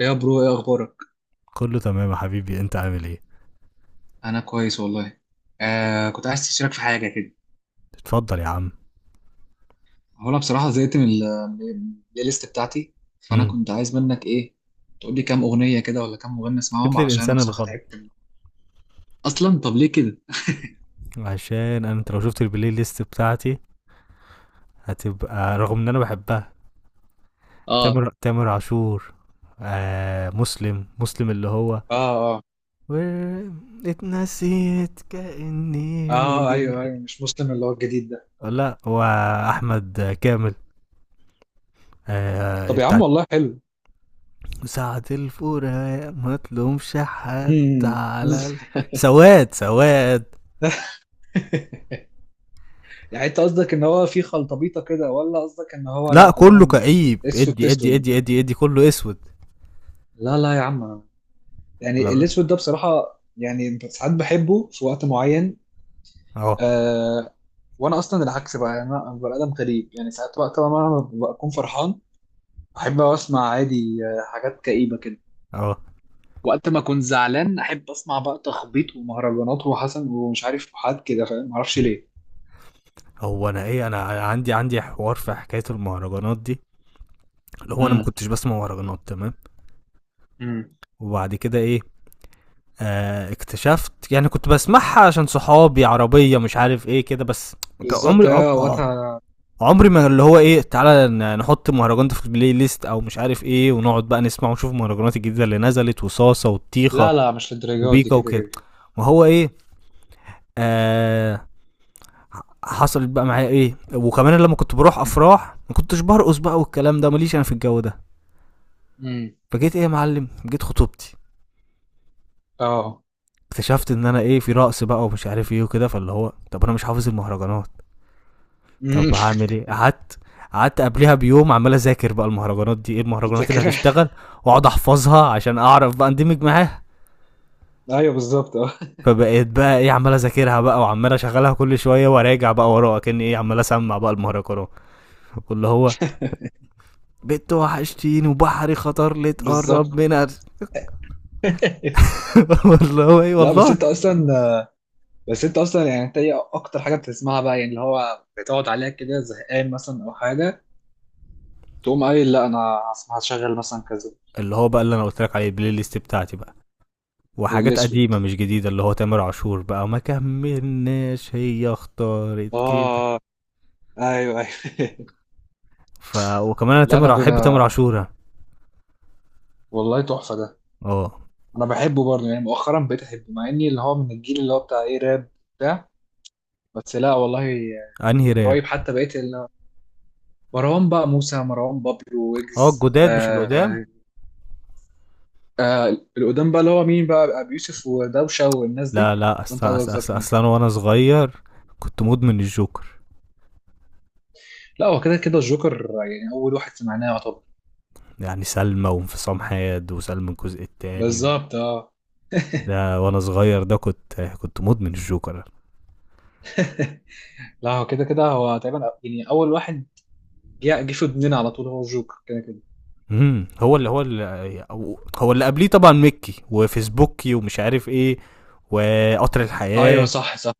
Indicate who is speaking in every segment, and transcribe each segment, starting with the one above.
Speaker 1: يا برو، ايه اخبارك؟
Speaker 2: كله تمام يا حبيبي، انت عامل ايه؟
Speaker 1: انا كويس والله. آه، كنت عايز تشارك في حاجه كده.
Speaker 2: اتفضل يا عم.
Speaker 1: هو انا بصراحه زهقت من البلاي ليست بتاعتي، فانا
Speaker 2: امم.
Speaker 1: كنت عايز منك ايه، تقول لي كام اغنيه كده ولا كام مغني
Speaker 2: جيت
Speaker 1: اسمعهم، علشان انا
Speaker 2: للانسان
Speaker 1: بصراحه
Speaker 2: الغلط.
Speaker 1: تعبت. اصلا طب ليه كده؟
Speaker 2: عشان انا، انت لو شفت البلاي ليست بتاعتي هتبقى رغم ان انا بحبها.
Speaker 1: اه،
Speaker 2: تامر عاشور. مسلم اللي هو
Speaker 1: اه، اه،
Speaker 2: و... اتنسيت كأني ما
Speaker 1: اه، ايوه،
Speaker 2: جيت.
Speaker 1: ايوه، مش مسلم اللي هو الجديد ده؟
Speaker 2: لا، هو احمد كامل.
Speaker 1: طب يا عم،
Speaker 2: بتاع
Speaker 1: والله حلو.
Speaker 2: ساعة الفراق ما تلومش حد.
Speaker 1: مم.
Speaker 2: على ال... سواد سواد.
Speaker 1: يعني انت قصدك ان هو في خلطبيطه كده، ولا قصدك ان هو لا
Speaker 2: لا، كله
Speaker 1: كلهم
Speaker 2: كئيب،
Speaker 1: اسود في
Speaker 2: ادي ادي
Speaker 1: اسود؟
Speaker 2: ادي ادي ادي، كله اسود.
Speaker 1: لا، لا يا عم، يعني
Speaker 2: لا،
Speaker 1: الاسود ده بصراحه يعني ساعات بحبه في وقت معين.
Speaker 2: اهو
Speaker 1: آه. وانا اصلا العكس بقى، يعني انا بني ادم غريب، يعني ساعات وقت ما انا بكون فرحان احب اسمع عادي حاجات كئيبه كده.
Speaker 2: اهو.
Speaker 1: وقت ما اكون زعلان احب اسمع بقى تخبيط ومهرجانات وحسن ومش عارف حاجات كده، فاهم؟ معرفش ليه.
Speaker 2: هو انا ايه، انا عندي حوار في حكايه المهرجانات دي، اللي هو انا ما
Speaker 1: امم
Speaker 2: كنتش بسمع مهرجانات تمام.
Speaker 1: امم
Speaker 2: وبعد كده ايه، اكتشفت يعني كنت بسمعها عشان صحابي، عربيه مش عارف ايه كده بس. ك-
Speaker 1: بالظبط،
Speaker 2: عمري عم...
Speaker 1: هي
Speaker 2: آه،
Speaker 1: وقتها.
Speaker 2: عمري ما اللي هو ايه تعالى نحط مهرجان ده في البلاي ليست او مش عارف ايه، ونقعد بقى نسمع ونشوف المهرجانات الجديده اللي نزلت، وصاصه وطيخه
Speaker 1: لا، لا، مش للدرجه دي
Speaker 2: وبيكا
Speaker 1: كده
Speaker 2: وكده.
Speaker 1: كده.
Speaker 2: ما هو ايه، آه حصلت بقى معايا ايه، وكمان لما كنت بروح افراح ما كنتش برقص بقى، والكلام ده ماليش انا في الجو ده.
Speaker 1: امم
Speaker 2: فجيت ايه يا معلم، جيت خطوبتي،
Speaker 1: اه.
Speaker 2: اكتشفت ان انا ايه، في رقص بقى ومش عارف ايه وكده، فاللي هو طب انا مش حافظ المهرجانات.
Speaker 1: مم.
Speaker 2: طب هعمل ايه؟ قعدت، قعدت قبلها بيوم عمال اذاكر بقى المهرجانات دي، ايه المهرجانات اللي
Speaker 1: فاكرها.
Speaker 2: هتشتغل، واقعد احفظها عشان اعرف بقى اندمج معاها.
Speaker 1: ايوه، بالظبط، اه.
Speaker 2: فبقيت بقى ايه، عمال اذاكرها بقى وعمال اشغلها كل شويه وراجع بقى وراها، كان ايه عمال اسمع بقى المهرجانات، واللي هو بنت وحشتيني وبحري خطر لي
Speaker 1: بالظبط.
Speaker 2: تقرب من أر- والله ايه
Speaker 1: لا بس
Speaker 2: والله.
Speaker 1: انت اصلا بس انت اصلا يعني انت ايه اكتر حاجه بتسمعها بقى يعني اللي هو بتقعد عليها كده زهقان مثلا او حاجه تقوم قايل لا انا هسمع- هشغل مثلا كذا
Speaker 2: اللي هو بقى اللي انا قلت لك عليه البلاي ليست بتاعتي بقى، وحاجات
Speaker 1: الاسود
Speaker 2: قديمه مش جديده، اللي هو تامر عاشور بقى، ما كملناش، هي اختارت كده.
Speaker 1: اه ايوه ايوه
Speaker 2: ف وكمان انا
Speaker 1: لا انا
Speaker 2: تامر، احب تامر
Speaker 1: بنا...
Speaker 2: عاشور أنا.
Speaker 1: والله تحفه ده.
Speaker 2: اه.
Speaker 1: انا بحبه برضه، يعني مؤخرا بقيت احبه، مع اني اللي هو من الجيل اللي هو بتاع ايه راب بتاع. بس لا والله،
Speaker 2: انهي راب؟
Speaker 1: قريب حتى بقيت. مروان بقى موسى، مروان بابلو،
Speaker 2: اه
Speaker 1: ويجز،
Speaker 2: الجداد مش القدام.
Speaker 1: آه، القدام بقى اللي هو مين بقى، ابو يوسف ودوشه والناس
Speaker 2: لا
Speaker 1: دي؟
Speaker 2: لا،
Speaker 1: وانت
Speaker 2: اصلا اصلا
Speaker 1: قصدك
Speaker 2: أصل
Speaker 1: مين؟
Speaker 2: أصل انا وانا صغير كنت مدمن الجوكر،
Speaker 1: لا هو كده كده الجوكر، يعني اول واحد سمعناه يعتبر.
Speaker 2: يعني سلمى وانفصام حاد وسلمى الجزء التاني،
Speaker 1: بالظبط، اه.
Speaker 2: ده وانا صغير ده كنت مدمن الجوكر.
Speaker 1: لا هو كده كده، هو تقريبا يعني اول واحد جه في ودننا على طول هو الجوكر كده كده.
Speaker 2: امم هو اللي هو اللي هو اللي قبليه طبعا مكي وفيسبوكي ومش عارف ايه، وقطر
Speaker 1: ايوه،
Speaker 2: الحياة
Speaker 1: صح، صح،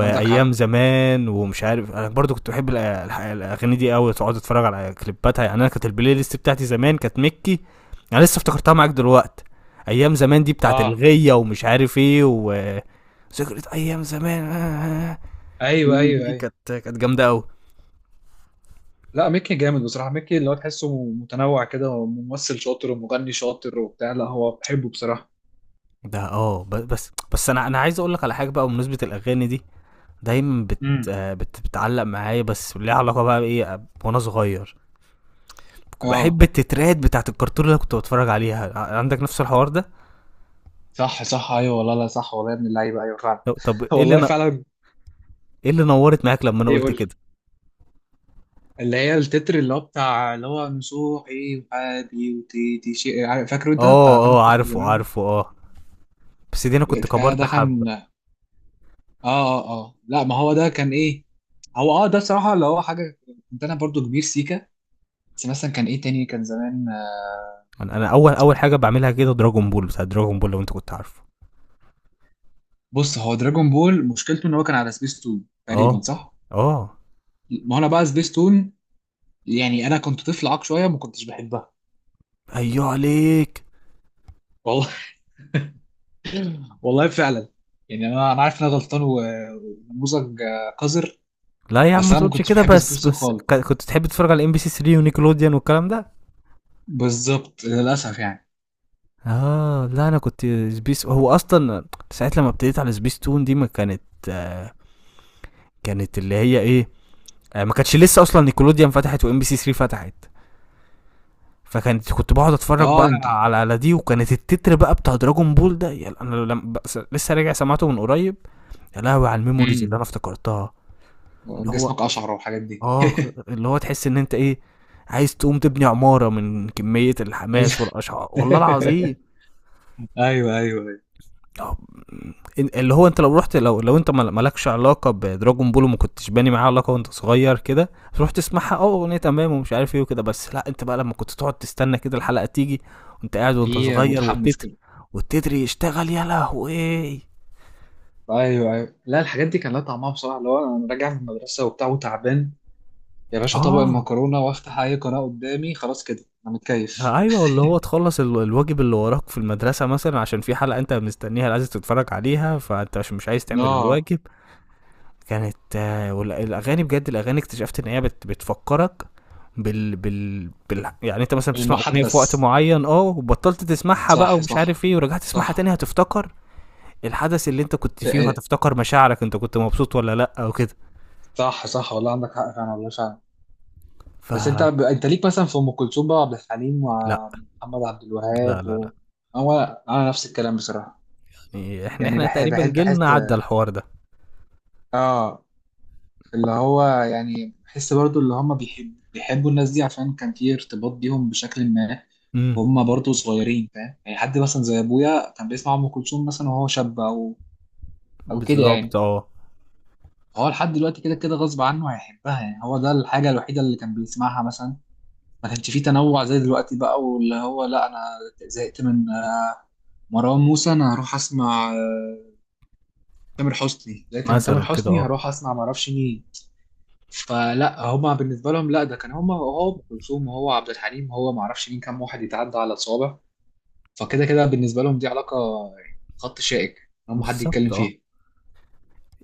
Speaker 1: عندك حق،
Speaker 2: زمان ومش عارف. انا برضو كنت بحب الاغاني دي قوي، تقعد اتفرج على كليباتها. يعني انا كانت البلاي ليست بتاعتي زمان كانت مكي، انا لسه افتكرتها معاك دلوقتي. ايام زمان دي بتاعت
Speaker 1: اه،
Speaker 2: الغية ومش عارف ايه، ذكرى ايام زمان.
Speaker 1: ايوه،
Speaker 2: دي
Speaker 1: ايوه،
Speaker 2: دي
Speaker 1: ايوه.
Speaker 2: كانت جامدة قوي.
Speaker 1: لا ميكي جامد بصراحه، ميكي اللي هو تحسه متنوع كده، هو ممثل شاطر ومغني شاطر وبتاع، لا هو بحبه بصراحه.
Speaker 2: ده اه، بس انا عايز اقول لك على حاجة بقى بمناسبة الاغاني دي، دايما بت...
Speaker 1: امم
Speaker 2: آه، بت... بتعلق معايا، بس ليها علاقة بقى بإيه، وأنا صغير. بحب
Speaker 1: اه،
Speaker 2: التترات بتاعة الكرتون اللي أنا كنت بتفرج عليها، عندك نفس الحوار ده؟
Speaker 1: صح، صح، ايوه والله، لا صح والله يا ابن اللعيبه، ايوه فعلا.
Speaker 2: طب إيه اللي
Speaker 1: والله فعلا.
Speaker 2: إيه اللي نورت معاك لما أنا
Speaker 1: ايه،
Speaker 2: قلت
Speaker 1: قول.
Speaker 2: كده؟
Speaker 1: اللي هي التتر اللي هو بتاع اللي هو نصوحي وحابي وتيتي شيء فاكره، انت بتاع
Speaker 2: آه
Speaker 1: تامر
Speaker 2: آه،
Speaker 1: حسني
Speaker 2: عارفه
Speaker 1: زمان ده؟
Speaker 2: عارفه، آه، بس دي أنا كنت كبرت
Speaker 1: ده
Speaker 2: حبة.
Speaker 1: كان اه، اه، اه، لا ما هو ده كان ايه، هو اه ده بصراحة اللي هو حاجة. كنت انا برضو كبير سيكا، بس مثلا كان ايه تاني كان زمان.
Speaker 2: أنا أول أول حاجة بعملها كده دراجون بول، بتاع دراجون بول لو أنت كنت عارفه.
Speaker 1: بص، هو دراجون بول مشكلته ان هو كان على سبيس تون
Speaker 2: آه،
Speaker 1: تقريبا، صح؟
Speaker 2: آه.
Speaker 1: ما هو انا بقى سبيس تون، يعني انا كنت طفل عاق شوية، ما كنتش بحبها.
Speaker 2: أيوه عليك.
Speaker 1: والله. والله فعلا. يعني انا عارف ان انا غلطان ونموذج قذر.
Speaker 2: لا يا عم
Speaker 1: بس
Speaker 2: ما
Speaker 1: انا ما
Speaker 2: تقولش
Speaker 1: كنتش
Speaker 2: كده.
Speaker 1: بحب
Speaker 2: بس
Speaker 1: سبورتين
Speaker 2: بس
Speaker 1: خالص.
Speaker 2: كنت تحب تتفرج على ام بي سي 3 ونيكلوديان والكلام ده.
Speaker 1: بالظبط، للاسف يعني.
Speaker 2: اه لا انا كنت سبيس، هو اصلا ساعه لما ابتديت على سبيس تون دي ما كانت، آه كانت اللي هي ايه، ما كانتش لسه اصلا نيكولوديان فتحت وام بي سي 3 فتحت. فكانت كنت بقعد اتفرج
Speaker 1: اه،
Speaker 2: بقى
Speaker 1: انت.
Speaker 2: على على دي، وكانت التتر بقى بتاع دراجون بول ده، يا انا لما لسه راجع سمعته من قريب، يا لهوي على الميموريز
Speaker 1: امم
Speaker 2: اللي انا افتكرتها. اللي هو،
Speaker 1: جسمك اشعر والحاجات دي.
Speaker 2: اه اللي هو تحس ان انت ايه، عايز تقوم تبني عمارة من كمية
Speaker 1: لازم.
Speaker 2: الحماس والاشعار، والله العظيم.
Speaker 1: ايوه، ايوه، ايوه،
Speaker 2: آه، اللي هو، انت لو رحت، لو انت مالكش علاقه بدراجون بول، وما كنتش باني معاه علاقه وانت صغير كده، تروح تسمعها اه اغنيه تمام ومش عارف ايه وكده، بس لا انت بقى لما كنت تقعد تستنى كده الحلقه تيجي، وانت قاعد وانت
Speaker 1: في
Speaker 2: صغير،
Speaker 1: متحمس
Speaker 2: والتتر،
Speaker 1: كده.
Speaker 2: والتتر يشتغل، يا لهوي.
Speaker 1: ايوه، ايوه، لا الحاجات دي كان لها طعمها بصراحه، اللي هو انا راجع من المدرسه وبتاع وتعبان. يا باشا، طبق
Speaker 2: اه
Speaker 1: المكرونه وافتح اي قناه قدامي، خلاص كده انا متكيف.
Speaker 2: ايوه، اللي هو تخلص الواجب اللي وراك في المدرسه مثلا، عشان في حلقه انت مستنيها عايز تتفرج عليها، فانت عشان مش عايز تعمل
Speaker 1: اه.
Speaker 2: الواجب، كانت آه، والاغاني بجد، الاغاني اكتشفت ان هي بتفكرك بال بال بال يعني، انت مثلا بتسمع اغنيه في وقت
Speaker 1: المحدث،
Speaker 2: معين اه، وبطلت تسمعها بقى
Speaker 1: صح،
Speaker 2: ومش
Speaker 1: صح.
Speaker 2: عارف ايه، ورجعت تسمعها
Speaker 1: صح.
Speaker 2: تاني، هتفتكر الحدث اللي انت كنت
Speaker 1: إيه،
Speaker 2: فيه،
Speaker 1: إيه،
Speaker 2: وهتفتكر مشاعرك، انت كنت مبسوط ولا لا او كده.
Speaker 1: صح، صح والله، عندك حق فعلا والله.
Speaker 2: ف
Speaker 1: بس انت انت ليك مثلا في ام كلثوم بقى وعبد الحليم
Speaker 2: لا
Speaker 1: ومحمد عبد
Speaker 2: لا
Speaker 1: الوهاب
Speaker 2: لا لا،
Speaker 1: و... هو انا نفس الكلام بصراحه.
Speaker 2: يعني احنا
Speaker 1: يعني
Speaker 2: احنا
Speaker 1: بحب
Speaker 2: تقريبا
Speaker 1: بحب
Speaker 2: جيلنا
Speaker 1: بحس.
Speaker 2: عدى الحوار ده.
Speaker 1: اه، اللي هو يعني بحس برضو اللي هم بيحبوا الناس دي عشان كان في ارتباط بيهم بشكل ما.
Speaker 2: امم،
Speaker 1: وهم برضو صغيرين، فاهم، يعني حد مثلا زي ابويا كان بيسمع ام كلثوم مثلا وهو شاب، او او كده
Speaker 2: بالظبط
Speaker 1: يعني.
Speaker 2: اه.
Speaker 1: هو لحد دلوقتي كده كده غصب عنه هيحبها، يعني هو ده الحاجه الوحيده اللي كان بيسمعها مثلا. ما كانش فيه تنوع زي دلوقتي بقى، واللي هو لا انا زهقت من مروان موسى انا هروح اسمع تامر حسني، زهقت من تامر
Speaker 2: مثلا كده
Speaker 1: حسني
Speaker 2: اه.
Speaker 1: هروح اسمع ما اعرفش مين. فلا هما بالنسبه لهم، لا ده كان هما هو ام كلثوم وهو عبد الحليم وهو ما اعرفش مين، كام واحد يتعدى على الصوابع. فكده كده بالنسبه لهم دي علاقه، يعني خط شائك هم حد يتكلم
Speaker 2: بالظبط اه.
Speaker 1: فيه.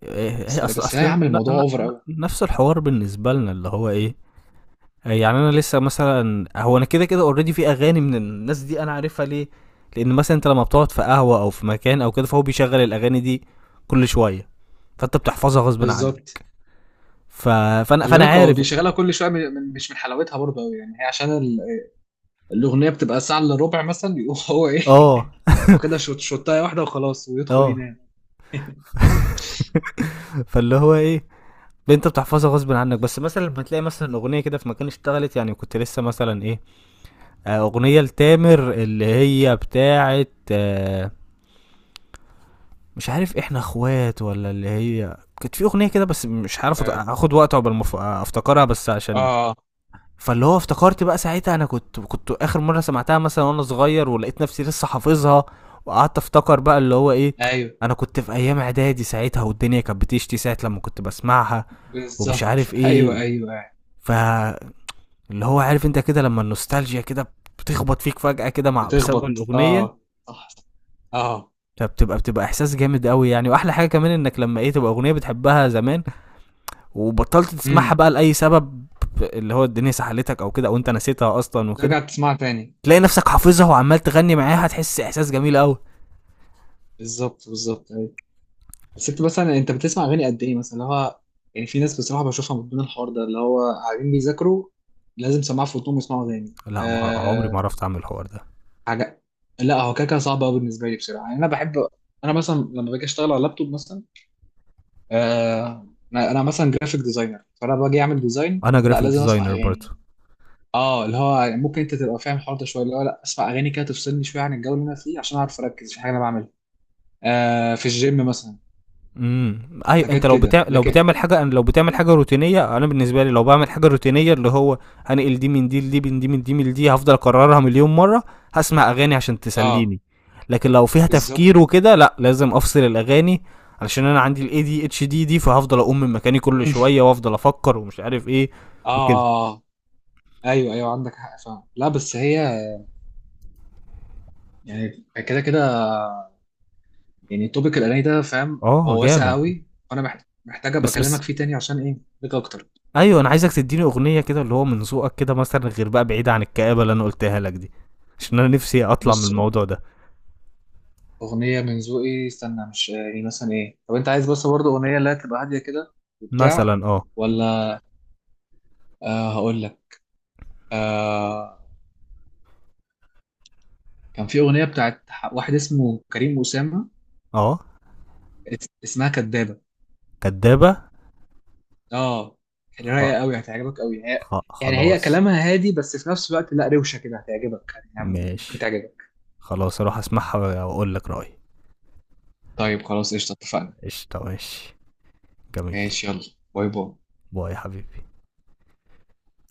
Speaker 2: إيه- هي
Speaker 1: بس،
Speaker 2: اصل،
Speaker 1: بس، لا يا عم، الموضوع اوفر قوي.
Speaker 2: نفس الحوار بالنسبه لنا، اللي هو ايه، يعني انا لسه مثلا، هو انا كده كده اوريدي في اغاني من الناس دي انا عارفها، ليه؟ لان مثلا انت لما بتقعد في قهوه او في مكان او كده، فهو بيشغل الاغاني دي كل شويه، فانت بتحفظها غصب
Speaker 1: بالظبط.
Speaker 2: عنك. ف... فانا
Speaker 1: خلي
Speaker 2: فانا
Speaker 1: بالك هو
Speaker 2: عارف.
Speaker 1: بيشغلها كل شويه، مش من حلاوتها برضه قوي يعني، هي عشان الاغنيه بتبقى ساعه الا ربع مثلا، يقوم هو ايه،
Speaker 2: اه
Speaker 1: واخدها شوت شوتايه واحده وخلاص، ويدخل
Speaker 2: اه
Speaker 1: ينام.
Speaker 2: فاللي هو ايه، انت بتحفظها غصب عنك، بس مثلا لما تلاقي مثلا اغنيه كده في مكان اشتغلت، يعني كنت لسه مثلا ايه، اغنيه لتامر اللي هي بتاعه، آه، مش عارف احنا اخوات ولا، اللي هي كانت في اغنيه كده بس مش عارف،
Speaker 1: اه.
Speaker 2: اخد وقت عقبال ما افتكرها، بس عشان
Speaker 1: آه.
Speaker 2: فاللي هو افتكرت بقى ساعتها، انا كنت، كنت اخر مره سمعتها مثلا وانا صغير، ولقيت نفسي لسه حافظها، وقعدت افتكر بقى اللي هو ايه،
Speaker 1: ايوه،
Speaker 2: انا كنت في ايام اعدادي ساعتها، والدنيا كانت بتشتي ساعه لما كنت بسمعها ومش
Speaker 1: بالظبط.
Speaker 2: عارف ايه،
Speaker 1: ايوه، ايوه، أيوة.
Speaker 2: فاللي هو عارف انت كده لما النوستالجيا كده بتخبط فيك فجأة كده، بسبب
Speaker 1: بتخبط،
Speaker 2: الأغنية،
Speaker 1: اه. صح، صح. اه.
Speaker 2: فبتبقى إحساس جامد قوي يعني، وأحلى حاجة كمان إنك لما إيه تبقى أغنية بتحبها زمان وبطلت تسمعها
Speaker 1: امم
Speaker 2: بقى لاي سبب، اللي هو الدنيا سحلتك او كده، او انت نسيتها اصلا وكده،
Speaker 1: ترجع تسمعها تاني.
Speaker 2: تلاقي نفسك حافظها وعمال تغني معاها، هتحس احساس جميل قوي.
Speaker 1: بالظبط، بالظبط، ايوه. بس انت مثلا انت بتسمع اغاني قد ايه مثلا، اللي هو يعني في ناس بصراحه بشوفها من ضمن الحوار ده، اللي هو قاعدين بيذاكروا لازم سماعه في ودنهم يسمعوا تاني
Speaker 2: لا، ما عمري ما
Speaker 1: آه
Speaker 2: عرفت اعمل الحوار ده.
Speaker 1: حاجه. لا هو كده كده صعب قوي بالنسبه لي بصراحه، يعني انا بحب. انا مثلا لما باجي اشتغل على اللابتوب مثلا، انا مثلا جرافيك ديزاينر، فانا باجي اعمل ديزاين،
Speaker 2: انا
Speaker 1: لا
Speaker 2: جرافيك
Speaker 1: لازم اسمع
Speaker 2: ديزاينر
Speaker 1: اغاني.
Speaker 2: برضه.
Speaker 1: اه، اللي هو يعني ممكن انت تبقى فاهم الحوار ده شويه، اللي هو لا اسمع اغاني كده تفصلني شويه عن الجو اللي انا فيه، عشان اعرف اركز في حاجه انا بعملها. آه، في الجيم مثلا.
Speaker 2: ايوه، انت
Speaker 1: حاجات
Speaker 2: لو
Speaker 1: كده،
Speaker 2: لو
Speaker 1: لكن.
Speaker 2: بتعمل حاجه، أنا لو بتعمل حاجه روتينيه، انا بالنسبه لي لو بعمل حاجه روتينيه، اللي هو هنقل دي من دي لدي من دي من دي من دي، هفضل اكررها مليون مره، هسمع اغاني عشان
Speaker 1: اه،
Speaker 2: تسليني. لكن لو فيها تفكير
Speaker 1: بالظبط.
Speaker 2: وكده، لا لازم افصل الاغاني، علشان انا عندي الاي دي اتش دي دي، فهفضل اقوم من مكاني كل شويه وافضل افكر ومش عارف ايه وكده.
Speaker 1: اه، ايوه، ايوه، عندك حق فعلا، لا بس هي، يعني كده كده، يعني توبيك الاغاني ده فاهم،
Speaker 2: اه
Speaker 1: هو واسع
Speaker 2: جامد.
Speaker 1: قوي، فانا محتاج ابقى
Speaker 2: بس
Speaker 1: اكلمك
Speaker 2: بس
Speaker 1: فيه تاني عشان ايه ليك اكتر.
Speaker 2: ايوه، انا عايزك تديني اغنيه كده اللي هو من ذوقك كده مثلا، غير بقى بعيده عن الكآبه اللي انا قلتها لك دي، عشان انا نفسي اطلع من
Speaker 1: بص،
Speaker 2: الموضوع ده.
Speaker 1: أغنية من ذوقي استنى، مش يعني مثلا إيه، طب أنت عايز بس برضه أغنية اللي هي تبقى هادية كده وبتاع،
Speaker 2: مثلا اه.
Speaker 1: ولا؟ آه، هقول لك. آه، كان في أغنية بتاعت واحد اسمه كريم أسامة.
Speaker 2: اه.
Speaker 1: اسمها كدابة.
Speaker 2: كدابة.
Speaker 1: آه. يعني
Speaker 2: خ...
Speaker 1: رايقة قوي، هتعجبك قوي هي. يعني هي
Speaker 2: خلاص.
Speaker 1: كلامها هادي، بس في نفس الوقت لا روشة كده، هتعجبك، يعني ممكن
Speaker 2: ماشي،
Speaker 1: تعجبك.
Speaker 2: خلاص اروح اسمعها واقول لك رأيي.
Speaker 1: طيب، خلاص، قشطة، اتفقنا.
Speaker 2: قشطة، ماشي، جميل.
Speaker 1: ماشي، يلا. باي، باي.
Speaker 2: باي يا حبيبي.